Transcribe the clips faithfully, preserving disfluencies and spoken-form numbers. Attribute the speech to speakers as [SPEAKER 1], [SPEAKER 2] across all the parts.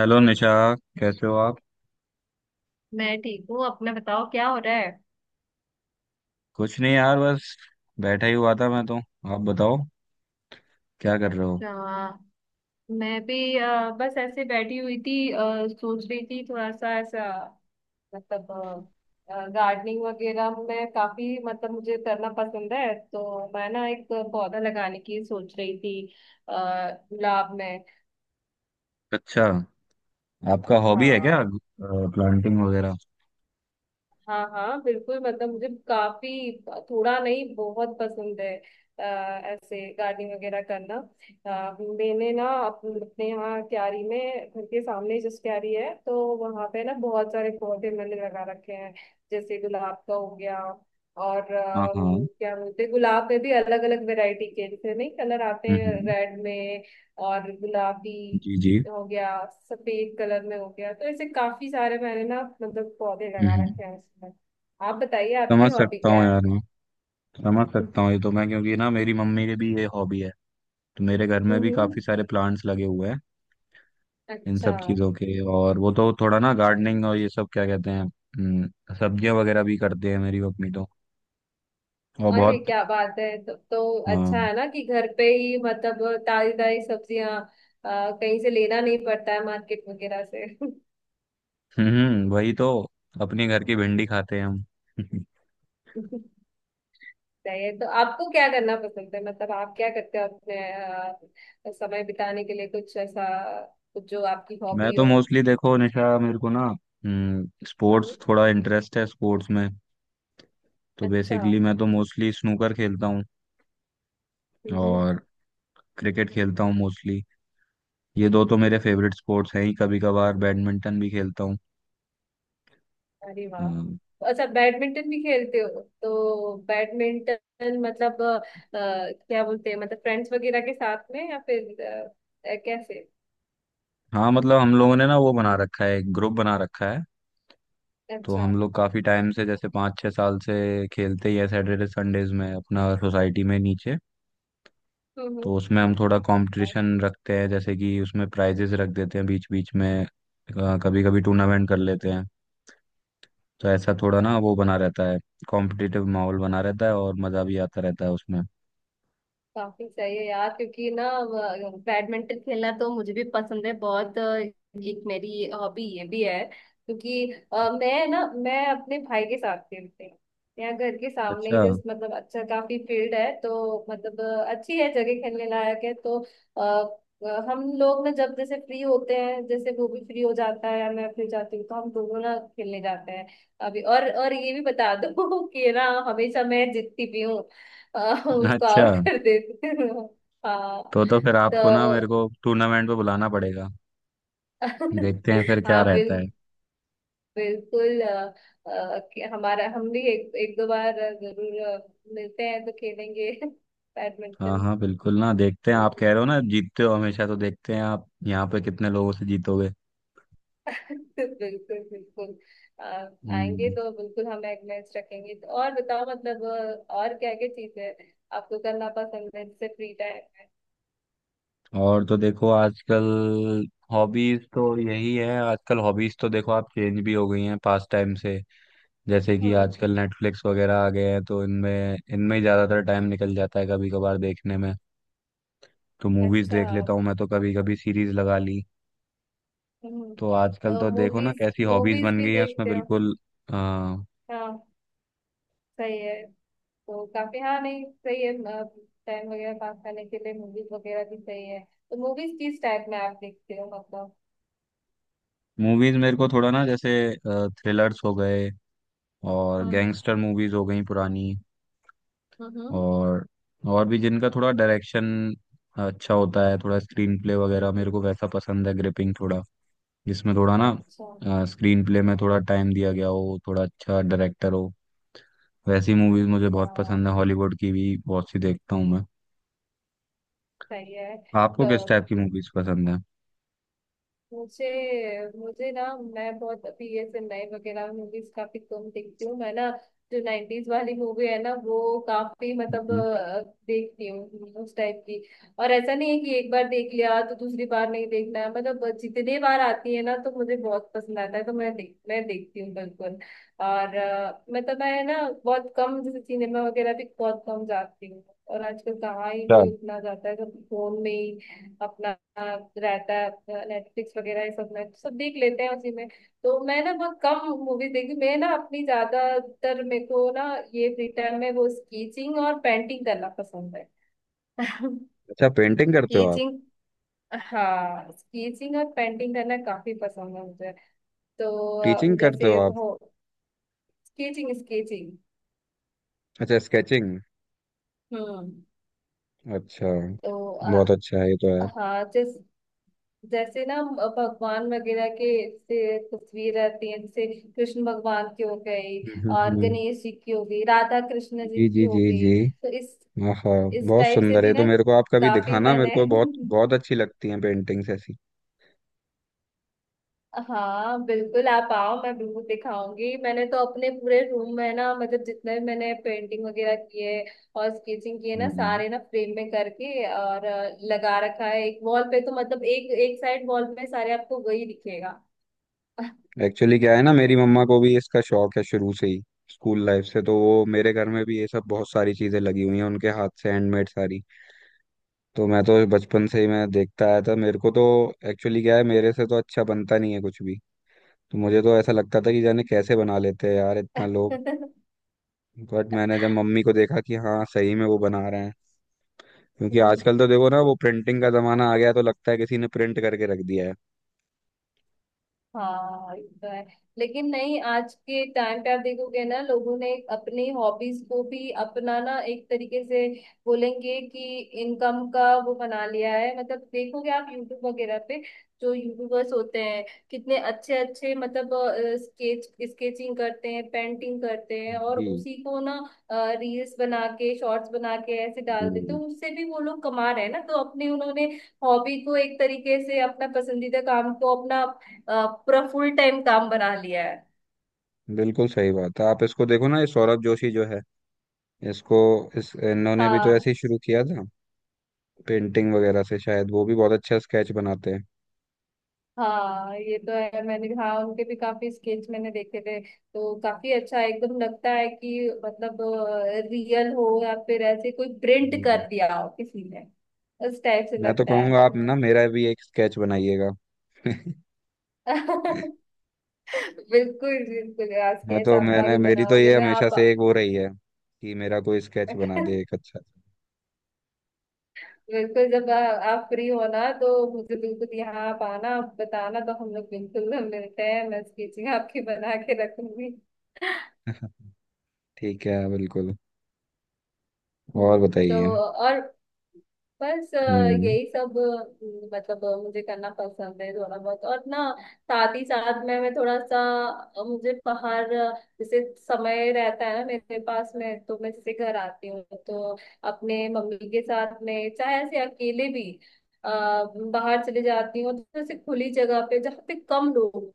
[SPEAKER 1] Hello Nisha. कैसे हो आप?
[SPEAKER 2] मैं ठीक हूँ। अपना बताओ क्या हो रहा है।
[SPEAKER 1] कुछ नहीं यार, बस बैठा ही हुआ था मैं तो। आप बताओ, क्या कर रहे हो?
[SPEAKER 2] अच्छा। मैं भी अ, बस ऐसे बैठी हुई थी, अ, सोच रही थी थोड़ा सा ऐसा, मतलब गार्डनिंग वगैरह में काफी, मतलब मुझे करना पसंद है, तो मैं ना एक पौधा लगाने की सोच रही थी। अ, गुलाब में।
[SPEAKER 1] अच्छा, आपका हॉबी है क्या?
[SPEAKER 2] हाँ।
[SPEAKER 1] प्लांटिंग वगैरह?
[SPEAKER 2] हाँ, हाँ, बिल्कुल, मतलब मुझे काफी, थोड़ा नहीं, बहुत पसंद है। अ, ऐसे गार्डनिंग वगैरह करना। अ, मैंने ना अप- अपने यहाँ क्यारी में, घर के सामने जिस क्यारी है, तो वहाँ पे ना बहुत सारे पौधे मैंने लगा रखे हैं। जैसे गुलाब का हो गया, और
[SPEAKER 1] हाँ,
[SPEAKER 2] अ,
[SPEAKER 1] हाँ।
[SPEAKER 2] क्या बोलते हैं, गुलाब में भी अलग अलग वैरायटी के जैसे नहीं, कलर आते हैं
[SPEAKER 1] हम्म।
[SPEAKER 2] रेड में, और गुलाबी
[SPEAKER 1] जी, जी।
[SPEAKER 2] हो गया, सफेद कलर में हो गया, तो ऐसे काफी सारे मैंने ना, मतलब पौधे लगा
[SPEAKER 1] हम्म।
[SPEAKER 2] रखे हैं उसमें। आप बताइए आपकी
[SPEAKER 1] समझ
[SPEAKER 2] हॉबी
[SPEAKER 1] सकता
[SPEAKER 2] क्या
[SPEAKER 1] हूँ
[SPEAKER 2] है।
[SPEAKER 1] यार मैं, समझ सकता हूँ ये तो मैं, क्योंकि ना मेरी मम्मी की भी ये हॉबी है। तो मेरे घर में भी
[SPEAKER 2] हम्म।
[SPEAKER 1] काफी सारे प्लांट्स लगे हुए हैं इन
[SPEAKER 2] अच्छा।
[SPEAKER 1] सब चीजों के। और वो तो थोड़ा ना गार्डनिंग और ये सब क्या कहते हैं, हम्म, सब्जियां वगैरह भी करते हैं मेरी मम्मी तो। और
[SPEAKER 2] अरे
[SPEAKER 1] बहुत।
[SPEAKER 2] क्या बात है! तो, तो अच्छा
[SPEAKER 1] हाँ।
[SPEAKER 2] है ना कि घर पे ही, मतलब ताजी ताजी सब्जियां अ, कहीं से लेना नहीं पड़ता है मार्केट वगैरह से।
[SPEAKER 1] हम्म वही तो। अपने घर की भिंडी खाते हैं हम।
[SPEAKER 2] सही है। तो आपको क्या करना पसंद है, मतलब आप क्या करते हो अपने अ, समय बिताने के लिए? कुछ ऐसा, कुछ जो आपकी
[SPEAKER 1] मैं
[SPEAKER 2] हॉबी
[SPEAKER 1] तो
[SPEAKER 2] हो।
[SPEAKER 1] मोस्टली, देखो निशा, मेरे को ना हम्म
[SPEAKER 2] हम्म।
[SPEAKER 1] स्पोर्ट्स थोड़ा इंटरेस्ट है स्पोर्ट्स में। तो
[SPEAKER 2] अच्छा।
[SPEAKER 1] बेसिकली मैं तो मोस्टली स्नूकर खेलता हूँ।
[SPEAKER 2] हम्म।
[SPEAKER 1] और क्रिकेट खेलता हूँ मोस्टली। ये दो तो मेरे फेवरेट स्पोर्ट्स हैं ही। कभी कभार बैडमिंटन भी खेलता हूँ।
[SPEAKER 2] अरे वाह!
[SPEAKER 1] अम,
[SPEAKER 2] तो अच्छा, बैडमिंटन भी खेलते हो? तो बैडमिंटन मतलब अ, क्या बोलते हैं, मतलब फ्रेंड्स वगैरह के साथ में, या फिर अ, कैसे?
[SPEAKER 1] हाँ, मतलब हम लोगों ने ना वो बना रखा है, एक ग्रुप बना रखा है। तो
[SPEAKER 2] अच्छा।
[SPEAKER 1] हम लोग काफी टाइम से, जैसे पाँच छः साल से खेलते ही है सैटरडे संडेज में अपना सोसाइटी में नीचे।
[SPEAKER 2] हम्म।
[SPEAKER 1] तो उसमें हम थोड़ा
[SPEAKER 2] हम्म।
[SPEAKER 1] कंपटीशन रखते हैं, जैसे कि उसमें प्राइजेस रख देते हैं बीच बीच में। कभी कभी टूर्नामेंट कर लेते हैं। तो ऐसा थोड़ा ना वो बना रहता है, कॉम्पिटिटिव माहौल बना रहता है और मज़ा भी आता रहता है उसमें।
[SPEAKER 2] काफी सही है यार, क्योंकि ना व- बैडमिंटन खेलना तो मुझे भी पसंद है बहुत। अ, एक मेरी हॉबी ये भी है, क्योंकि अ, मैं ना मैं अपने भाई के साथ खेलती हूँ। यहाँ घर के सामने
[SPEAKER 1] अच्छा।
[SPEAKER 2] ही जस्ट, मतलब अच्छा काफी फील्ड है, तो मतलब अ, अच्छी है जगह, खेलने लायक है तो। अ, अ, हम लोग ना जब जैसे फ्री होते हैं, जैसे वो भी फ्री हो जाता है या मैं फ्री हो जाती हूँ, तो हम दोनों ना खेलने जाते हैं। अभी और और ये भी बता दो कि ना हमेशा मैं जीतती भी हूँ। आ, उसको
[SPEAKER 1] अच्छा,
[SPEAKER 2] आउट कर देते हैं। हाँ।
[SPEAKER 1] तो तो फिर
[SPEAKER 2] तो
[SPEAKER 1] आपको ना मेरे को टूर्नामेंट पे बुलाना पड़ेगा। देखते हैं फिर क्या
[SPEAKER 2] हाँ, बिल,
[SPEAKER 1] रहता है।
[SPEAKER 2] बिल्कुल अ, अ, कि हमारा हम भी एक, एक दो बार जरूर अ, मिलते हैं तो खेलेंगे
[SPEAKER 1] हाँ,
[SPEAKER 2] बैडमिंटन।
[SPEAKER 1] हाँ, बिल्कुल ना, देखते हैं। आप
[SPEAKER 2] बिल्कुल,
[SPEAKER 1] कह रहे हो ना जीतते हो हमेशा, तो देखते हैं आप यहाँ पे कितने लोगों से जीतोगे।
[SPEAKER 2] बिल्कुल, अ, आएंगे
[SPEAKER 1] हम्म,
[SPEAKER 2] तो बिल्कुल हम एक मैच रखेंगे। तो और बताओ, मतलब अ, और क्या क्या चीजें आपको करना पसंद है जैसे फ्री टाइम में?
[SPEAKER 1] और तो देखो आजकल हॉबीज तो यही है। आजकल हॉबीज तो देखो आप चेंज भी हो गई हैं पास टाइम से। जैसे कि
[SPEAKER 2] हम्म।
[SPEAKER 1] आजकल नेटफ्लिक्स वगैरह आ गए हैं, तो इनमें इनमें ही ज्यादातर टाइम निकल जाता है, कभी कभार देखने में। तो मूवीज
[SPEAKER 2] अच्छा।
[SPEAKER 1] देख लेता हूँ मैं तो, कभी कभी सीरीज लगा ली।
[SPEAKER 2] हम्म।
[SPEAKER 1] तो आजकल
[SPEAKER 2] तो
[SPEAKER 1] तो देखो ना,
[SPEAKER 2] मूवीज
[SPEAKER 1] कैसी हॉबीज
[SPEAKER 2] मूवीज
[SPEAKER 1] बन
[SPEAKER 2] भी
[SPEAKER 1] गई हैं उसमें
[SPEAKER 2] देखते हो?
[SPEAKER 1] बिल्कुल। आ,
[SPEAKER 2] हाँ, सही है। तो काफी, हाँ नहीं, सही है, टाइम वगैरह पास करने के लिए मूवीज वगैरह भी सही है। तो मूवीज किस टाइप में आप देखते हो, मतलब?
[SPEAKER 1] मूवीज मेरे को थोड़ा ना, जैसे थ्रिलर्स हो गए और
[SPEAKER 2] हम्म।
[SPEAKER 1] गैंगस्टर मूवीज हो गई पुरानी।
[SPEAKER 2] हम्म।
[SPEAKER 1] और और भी जिनका थोड़ा डायरेक्शन अच्छा होता है, थोड़ा स्क्रीन प्ले वगैरह, मेरे को वैसा पसंद है, ग्रिपिंग थोड़ा, जिसमें थोड़ा
[SPEAKER 2] अच्छा।
[SPEAKER 1] ना स्क्रीन प्ले में थोड़ा टाइम दिया गया हो, थोड़ा अच्छा डायरेक्टर हो। वैसी मूवीज मुझे
[SPEAKER 2] अच्छा,
[SPEAKER 1] बहुत पसंद है। हॉलीवुड की भी बहुत सी देखता हूँ मैं।
[SPEAKER 2] सही है।
[SPEAKER 1] आपको
[SPEAKER 2] तो
[SPEAKER 1] किस टाइप की मूवीज पसंद है?
[SPEAKER 2] मुझे मुझे ना, मैं बहुत अभी ये चेन्नई वगैरह मूवीज काफी कम देखती हूँ मैं ना। जो नाइनटीज वाली मूवी है ना वो, काफी मतलब
[SPEAKER 1] हम्म।
[SPEAKER 2] अ, देखती हूँ उस टाइप की। और ऐसा नहीं है कि एक बार देख लिया तो दूसरी बार नहीं देखना है, मतलब जितने बार आती है ना तो मुझे बहुत पसंद आता है, तो मैं देख मैं देखती हूँ बिल्कुल। और अ, मतलब मैं ना बहुत कम, जैसे सिनेमा वगैरह भी बहुत कम जाती हूँ, और आजकल कहाँ ही
[SPEAKER 1] अच्छा।
[SPEAKER 2] कोई उतना जाता है, सब फोन में ही अपना रहता है, नेटफ्लिक्स वगैरह ये सब में सब देख लेते हैं उसी में। तो मैं ना बहुत कम मूवीज देखी मैं ना, अपनी ज्यादातर मेरे को ना ये फ्री टाइम में वो स्केचिंग और पेंटिंग करना पसंद है।
[SPEAKER 1] अच्छा, पेंटिंग करते हो आप?
[SPEAKER 2] स्केचिंग। हाँ, स्केचिंग और पेंटिंग करना काफी पसंद है मुझे। तो
[SPEAKER 1] टीचिंग
[SPEAKER 2] अ,
[SPEAKER 1] करते
[SPEAKER 2] जैसे
[SPEAKER 1] हो आप?
[SPEAKER 2] हो। Sketching, sketching.
[SPEAKER 1] अच्छा, स्केचिंग।
[SPEAKER 2] हम्म।
[SPEAKER 1] अच्छा।
[SPEAKER 2] तो
[SPEAKER 1] बहुत
[SPEAKER 2] अ,
[SPEAKER 1] अच्छा है ये तो यार।
[SPEAKER 2] हाँ, जैसे ना अ, भगवान वगैरह के से तस्वीर रहती है, जैसे कृष्ण भगवान की हो गई,
[SPEAKER 1] हम्म, हम्म,
[SPEAKER 2] और
[SPEAKER 1] हम्म।
[SPEAKER 2] गणेश जी की हो गई, राधा कृष्ण जी
[SPEAKER 1] जी,
[SPEAKER 2] की
[SPEAKER 1] जी,
[SPEAKER 2] हो
[SPEAKER 1] जी,
[SPEAKER 2] गई,
[SPEAKER 1] जी।
[SPEAKER 2] तो इस
[SPEAKER 1] हाँ।
[SPEAKER 2] इस
[SPEAKER 1] बहुत
[SPEAKER 2] टाइप से
[SPEAKER 1] सुंदर है
[SPEAKER 2] भी
[SPEAKER 1] तो,
[SPEAKER 2] ना
[SPEAKER 1] मेरे को आप कभी
[SPEAKER 2] काफी
[SPEAKER 1] दिखाना, मेरे
[SPEAKER 2] मैंने
[SPEAKER 1] को बहुत बहुत अच्छी लगती हैं पेंटिंग्स ऐसी।
[SPEAKER 2] हाँ बिल्कुल, आप आओ, मैं बिल्कुल दिखाऊंगी। मैंने तो अपने पूरे रूम में ना, मतलब जितने भी मैंने पेंटिंग वगैरह किए और स्केचिंग किए ना,
[SPEAKER 1] हम्म।
[SPEAKER 2] सारे ना फ्रेम में करके और अ, लगा रखा है एक वॉल पे, तो मतलब एक एक साइड वॉल पे सारे आपको वही दिखेगा।
[SPEAKER 1] एक्चुअली क्या है ना, मेरी मम्मा को भी इसका शौक है शुरू से ही, स्कूल लाइफ से। तो वो मेरे घर में भी ये सब बहुत सारी चीजें लगी हुई हैं उनके हाथ से, हैंडमेड सारी। तो मैं तो बचपन से ही मैं देखता आया था मेरे को तो। एक्चुअली क्या है, मेरे से तो अच्छा बनता नहीं है कुछ भी। तो मुझे तो ऐसा लगता था कि जाने कैसे बना लेते हैं यार इतना लोग। बट मैंने जब मम्मी को देखा कि हाँ, सही में वो बना रहे हैं, क्योंकि
[SPEAKER 2] हम्म।
[SPEAKER 1] आजकल तो देखो ना, वो प्रिंटिंग का जमाना आ गया, तो लगता है किसी ने प्रिंट करके रख दिया है।
[SPEAKER 2] हाँ, ये तो है, लेकिन नहीं, आज के टाइम पे आप देखोगे ना, लोगों ने अपनी हॉबीज को भी अपनाना एक तरीके से। बोलेंगे कि इनकम का वो बना लिया है, मतलब देखोगे आप यूट्यूब वगैरह पे जो यूट्यूबर्स होते हैं, कितने अच्छे अच्छे मतलब स्केच स्केचिंग करते हैं, पेंटिंग करते हैं, और
[SPEAKER 1] जी।
[SPEAKER 2] उसी को ना रील्स बना के, शॉर्ट्स बना के ऐसे डाल देते
[SPEAKER 1] हम्म,
[SPEAKER 2] हैं, उससे भी वो लोग कमा रहे हैं ना, तो अपने उन्होंने हॉबी को एक तरीके से, अपना पसंदीदा काम को अपना अ, पूरा फुल टाइम काम बना लिया है।
[SPEAKER 1] बिल्कुल सही बात है। आप इसको देखो ना, ये सौरभ जोशी जो है, इसको, इस इन्होंने भी तो
[SPEAKER 2] हाँ,
[SPEAKER 1] ऐसे ही शुरू किया था, पेंटिंग वगैरह से शायद। वो भी बहुत अच्छा स्केच बनाते हैं।
[SPEAKER 2] हाँ, ये तो है। मैंने, हाँ, उनके भी काफी स्केच मैंने देखे थे, तो काफी अच्छा एकदम लगता है कि मतलब रियल हो, या फिर ऐसे कोई प्रिंट
[SPEAKER 1] जी, जी।
[SPEAKER 2] कर दिया हो किसी ने, उस टाइप से
[SPEAKER 1] मैं तो
[SPEAKER 2] लगता है।
[SPEAKER 1] कहूंगा आप ना मेरा भी एक स्केच बनाइएगा।
[SPEAKER 2] बिल्कुल, बिल्कुल यार,
[SPEAKER 1] मैं
[SPEAKER 2] स्केच
[SPEAKER 1] तो
[SPEAKER 2] आपका
[SPEAKER 1] मैंने,
[SPEAKER 2] भी
[SPEAKER 1] मेरी तो
[SPEAKER 2] बनाओगे
[SPEAKER 1] ये
[SPEAKER 2] मैं
[SPEAKER 1] हमेशा
[SPEAKER 2] आप
[SPEAKER 1] से एक वो रही है कि मेरा कोई स्केच बना दे एक अच्छा सा।
[SPEAKER 2] बिल्कुल, जब आ, आप फ्री होना तो मुझे बिल्कुल यहाँ, आप आना, आप बताना, तो हम लोग बिल्कुल मिलते हैं, मैं स्केचिंग आपकी बना के रखूंगी।
[SPEAKER 1] ठीक है, बिल्कुल। और
[SPEAKER 2] हम्म। तो
[SPEAKER 1] बताइए।
[SPEAKER 2] और बस अ,
[SPEAKER 1] हम्म।
[SPEAKER 2] यही सब अ, मतलब अ, मुझे करना पसंद है थोड़ा बहुत। और ना, साथ ही साथ में मैं थोड़ा सा अ, मुझे बाहर अ, जैसे समय रहता है ना मेरे पास में, तो मैं जैसे घर आती हूँ तो अपने मम्मी के साथ में, चाहे ऐसे अकेले भी अ, बाहर चले जाती हूँ, तो जैसे खुली जगह पे, जहाँ पे कम लोग,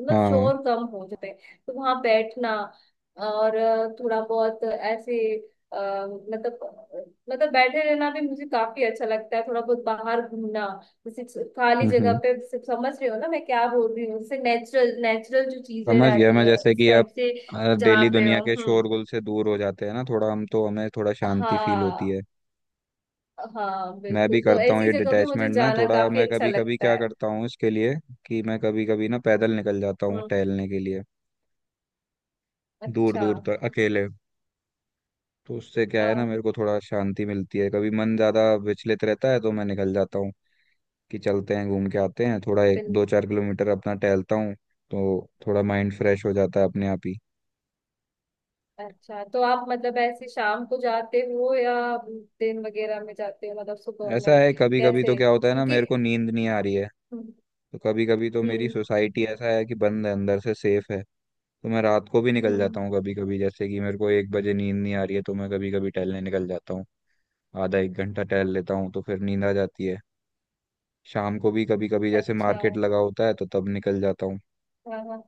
[SPEAKER 2] मतलब
[SPEAKER 1] हाँ,
[SPEAKER 2] शोर कम हो जाते हैं, तो वहां बैठना, और अ, थोड़ा बहुत ऐसे, अ, मतलब मतलब बैठे रहना भी मुझे काफी अच्छा लगता है, थोड़ा बहुत बाहर घूमना, जैसे खाली
[SPEAKER 1] हम्म,
[SPEAKER 2] जगह
[SPEAKER 1] हम्म।
[SPEAKER 2] पे, जैसे समझ रहे हो ना मैं क्या बोल रही हूँ, जैसे नेचुरल नेचुरल जो चीजें
[SPEAKER 1] समझ गया
[SPEAKER 2] रहती
[SPEAKER 1] मैं,
[SPEAKER 2] हैं
[SPEAKER 1] जैसे
[SPEAKER 2] इस
[SPEAKER 1] कि
[SPEAKER 2] टाइप
[SPEAKER 1] आप
[SPEAKER 2] से, जहाँ
[SPEAKER 1] डेली
[SPEAKER 2] पे
[SPEAKER 1] दुनिया
[SPEAKER 2] हो।
[SPEAKER 1] के
[SPEAKER 2] हम्म।
[SPEAKER 1] शोरगुल से दूर हो जाते हैं ना थोड़ा, हम तो हमें थोड़ा शांति फील होती है।
[SPEAKER 2] हाँ, हाँ
[SPEAKER 1] मैं भी
[SPEAKER 2] बिल्कुल, तो
[SPEAKER 1] करता हूँ
[SPEAKER 2] ऐसी
[SPEAKER 1] ये
[SPEAKER 2] जगह पे मुझे
[SPEAKER 1] डिटैचमेंट ना
[SPEAKER 2] जाना
[SPEAKER 1] थोड़ा।
[SPEAKER 2] काफी
[SPEAKER 1] मैं
[SPEAKER 2] अच्छा
[SPEAKER 1] कभी कभी
[SPEAKER 2] लगता
[SPEAKER 1] क्या
[SPEAKER 2] है।
[SPEAKER 1] करता हूँ इसके लिए, कि मैं कभी कभी ना पैदल निकल जाता हूँ
[SPEAKER 2] हम्म।
[SPEAKER 1] टहलने के लिए, दूर
[SPEAKER 2] अच्छा।
[SPEAKER 1] दूर तक अकेले। तो उससे क्या है ना,
[SPEAKER 2] हाँ,
[SPEAKER 1] मेरे को थोड़ा शांति मिलती है। कभी मन ज़्यादा विचलित रहता है तो मैं निकल जाता हूँ कि चलते हैं घूम के आते हैं थोड़ा, एक
[SPEAKER 2] बिल्कुल।
[SPEAKER 1] दो चार किलोमीटर अपना टहलता हूँ। तो थोड़ा माइंड फ्रेश हो जाता है अपने आप ही।
[SPEAKER 2] अच्छा, तो आप मतलब ऐसे शाम को जाते हो, या दिन वगैरह में जाते हो, मतलब सुबह
[SPEAKER 1] ऐसा
[SPEAKER 2] में?
[SPEAKER 1] है कभी कभी तो
[SPEAKER 2] कैसे,
[SPEAKER 1] क्या होता है ना,
[SPEAKER 2] क्योंकि?
[SPEAKER 1] मेरे को नींद नहीं आ रही है,
[SPEAKER 2] हम्म।
[SPEAKER 1] तो कभी कभी तो मेरी
[SPEAKER 2] हम्म।
[SPEAKER 1] सोसाइटी ऐसा है कि बंद है अंदर से, सेफ है, तो मैं रात को भी निकल
[SPEAKER 2] हम्म।
[SPEAKER 1] जाता हूँ कभी कभी। जैसे कि मेरे को एक बजे नींद नहीं आ रही है, तो मैं कभी कभी टहलने निकल जाता हूँ, आधा एक घंटा टहल लेता हूँ, तो फिर नींद आ जाती है। शाम को भी कभी कभी, जैसे
[SPEAKER 2] अच्छा।
[SPEAKER 1] मार्केट लगा होता है तो तब निकल जाता हूँ।
[SPEAKER 2] हाँ, हाँ।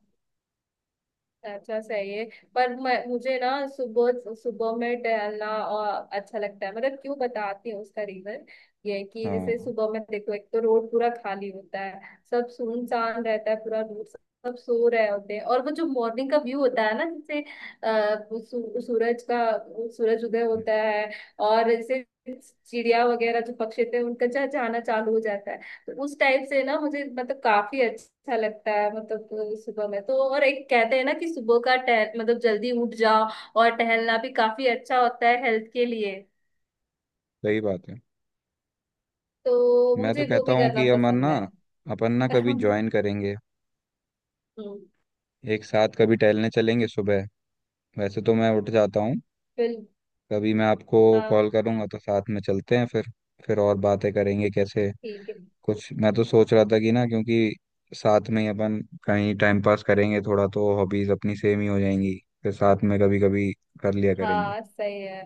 [SPEAKER 2] अच्छा, सही है। पर मैं मुझे ना, सुबह सुबह में टहलना और अच्छा लगता है, मतलब क्यों बताती हूँ उसका रीजन। ये है कि जैसे
[SPEAKER 1] हाँ,
[SPEAKER 2] सुबह में देखो, एक तो रोड पूरा खाली होता है, सब सुनसान रहता है पूरा रोड, सब सो रहे होते हैं, और वो जो मॉर्निंग का व्यू होता है ना, जैसे अः सू, सूरज का सूरज उदय होता है, और जैसे चिड़िया वगैरह जो पक्षी थे, उनका चहचहाना चालू हो जाता है, तो उस टाइप से ना मुझे, मतलब काफी अच्छा लगता है, मतलब अ, सुबह में तो। और एक कहते हैं ना कि सुबह का टह मतलब जल्दी उठ जाओ, और टहलना भी काफी अच्छा होता है हेल्थ के लिए,
[SPEAKER 1] सही बात है।
[SPEAKER 2] तो
[SPEAKER 1] मैं तो
[SPEAKER 2] मुझे वो
[SPEAKER 1] कहता
[SPEAKER 2] भी
[SPEAKER 1] हूँ
[SPEAKER 2] करना
[SPEAKER 1] कि अमन
[SPEAKER 2] पसंद
[SPEAKER 1] ना,
[SPEAKER 2] है।
[SPEAKER 1] अपन ना कभी
[SPEAKER 2] हम्म।
[SPEAKER 1] ज्वाइन करेंगे, एक साथ कभी टहलने चलेंगे सुबह। वैसे तो मैं उठ जाता हूँ।
[SPEAKER 2] बिल
[SPEAKER 1] कभी मैं आपको कॉल
[SPEAKER 2] हाँ,
[SPEAKER 1] करूँगा तो साथ में चलते हैं फिर, फिर और बातें करेंगे कैसे।
[SPEAKER 2] ठीक है।
[SPEAKER 1] कुछ मैं तो सोच रहा था कि ना, क्योंकि साथ में ही अपन कहीं टाइम पास करेंगे थोड़ा, तो हॉबीज अपनी सेम ही हो जाएंगी, फिर साथ में कभी कभी कर लिया करेंगे।
[SPEAKER 2] हाँ, सही है।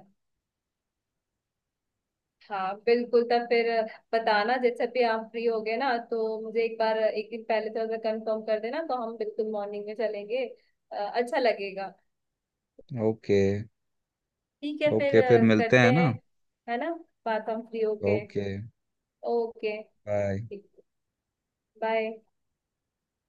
[SPEAKER 2] हाँ बिल्कुल, तब फिर बताना जैसे भी आप फ्री हो गए ना, तो मुझे एक बार एक दिन पहले थोड़ा सा कंफर्म कर देना, तो हम बिल्कुल मॉर्निंग में चलेंगे। अ, अच्छा लगेगा।
[SPEAKER 1] ओके।
[SPEAKER 2] ठीक है फिर
[SPEAKER 1] ओके, फिर
[SPEAKER 2] अ,
[SPEAKER 1] मिलते हैं
[SPEAKER 2] करते हैं,
[SPEAKER 1] ना?
[SPEAKER 2] है ना? बात हम फ्री होके।
[SPEAKER 1] ओके।
[SPEAKER 2] ओके।
[SPEAKER 1] बाय।
[SPEAKER 2] ठीक। बाय।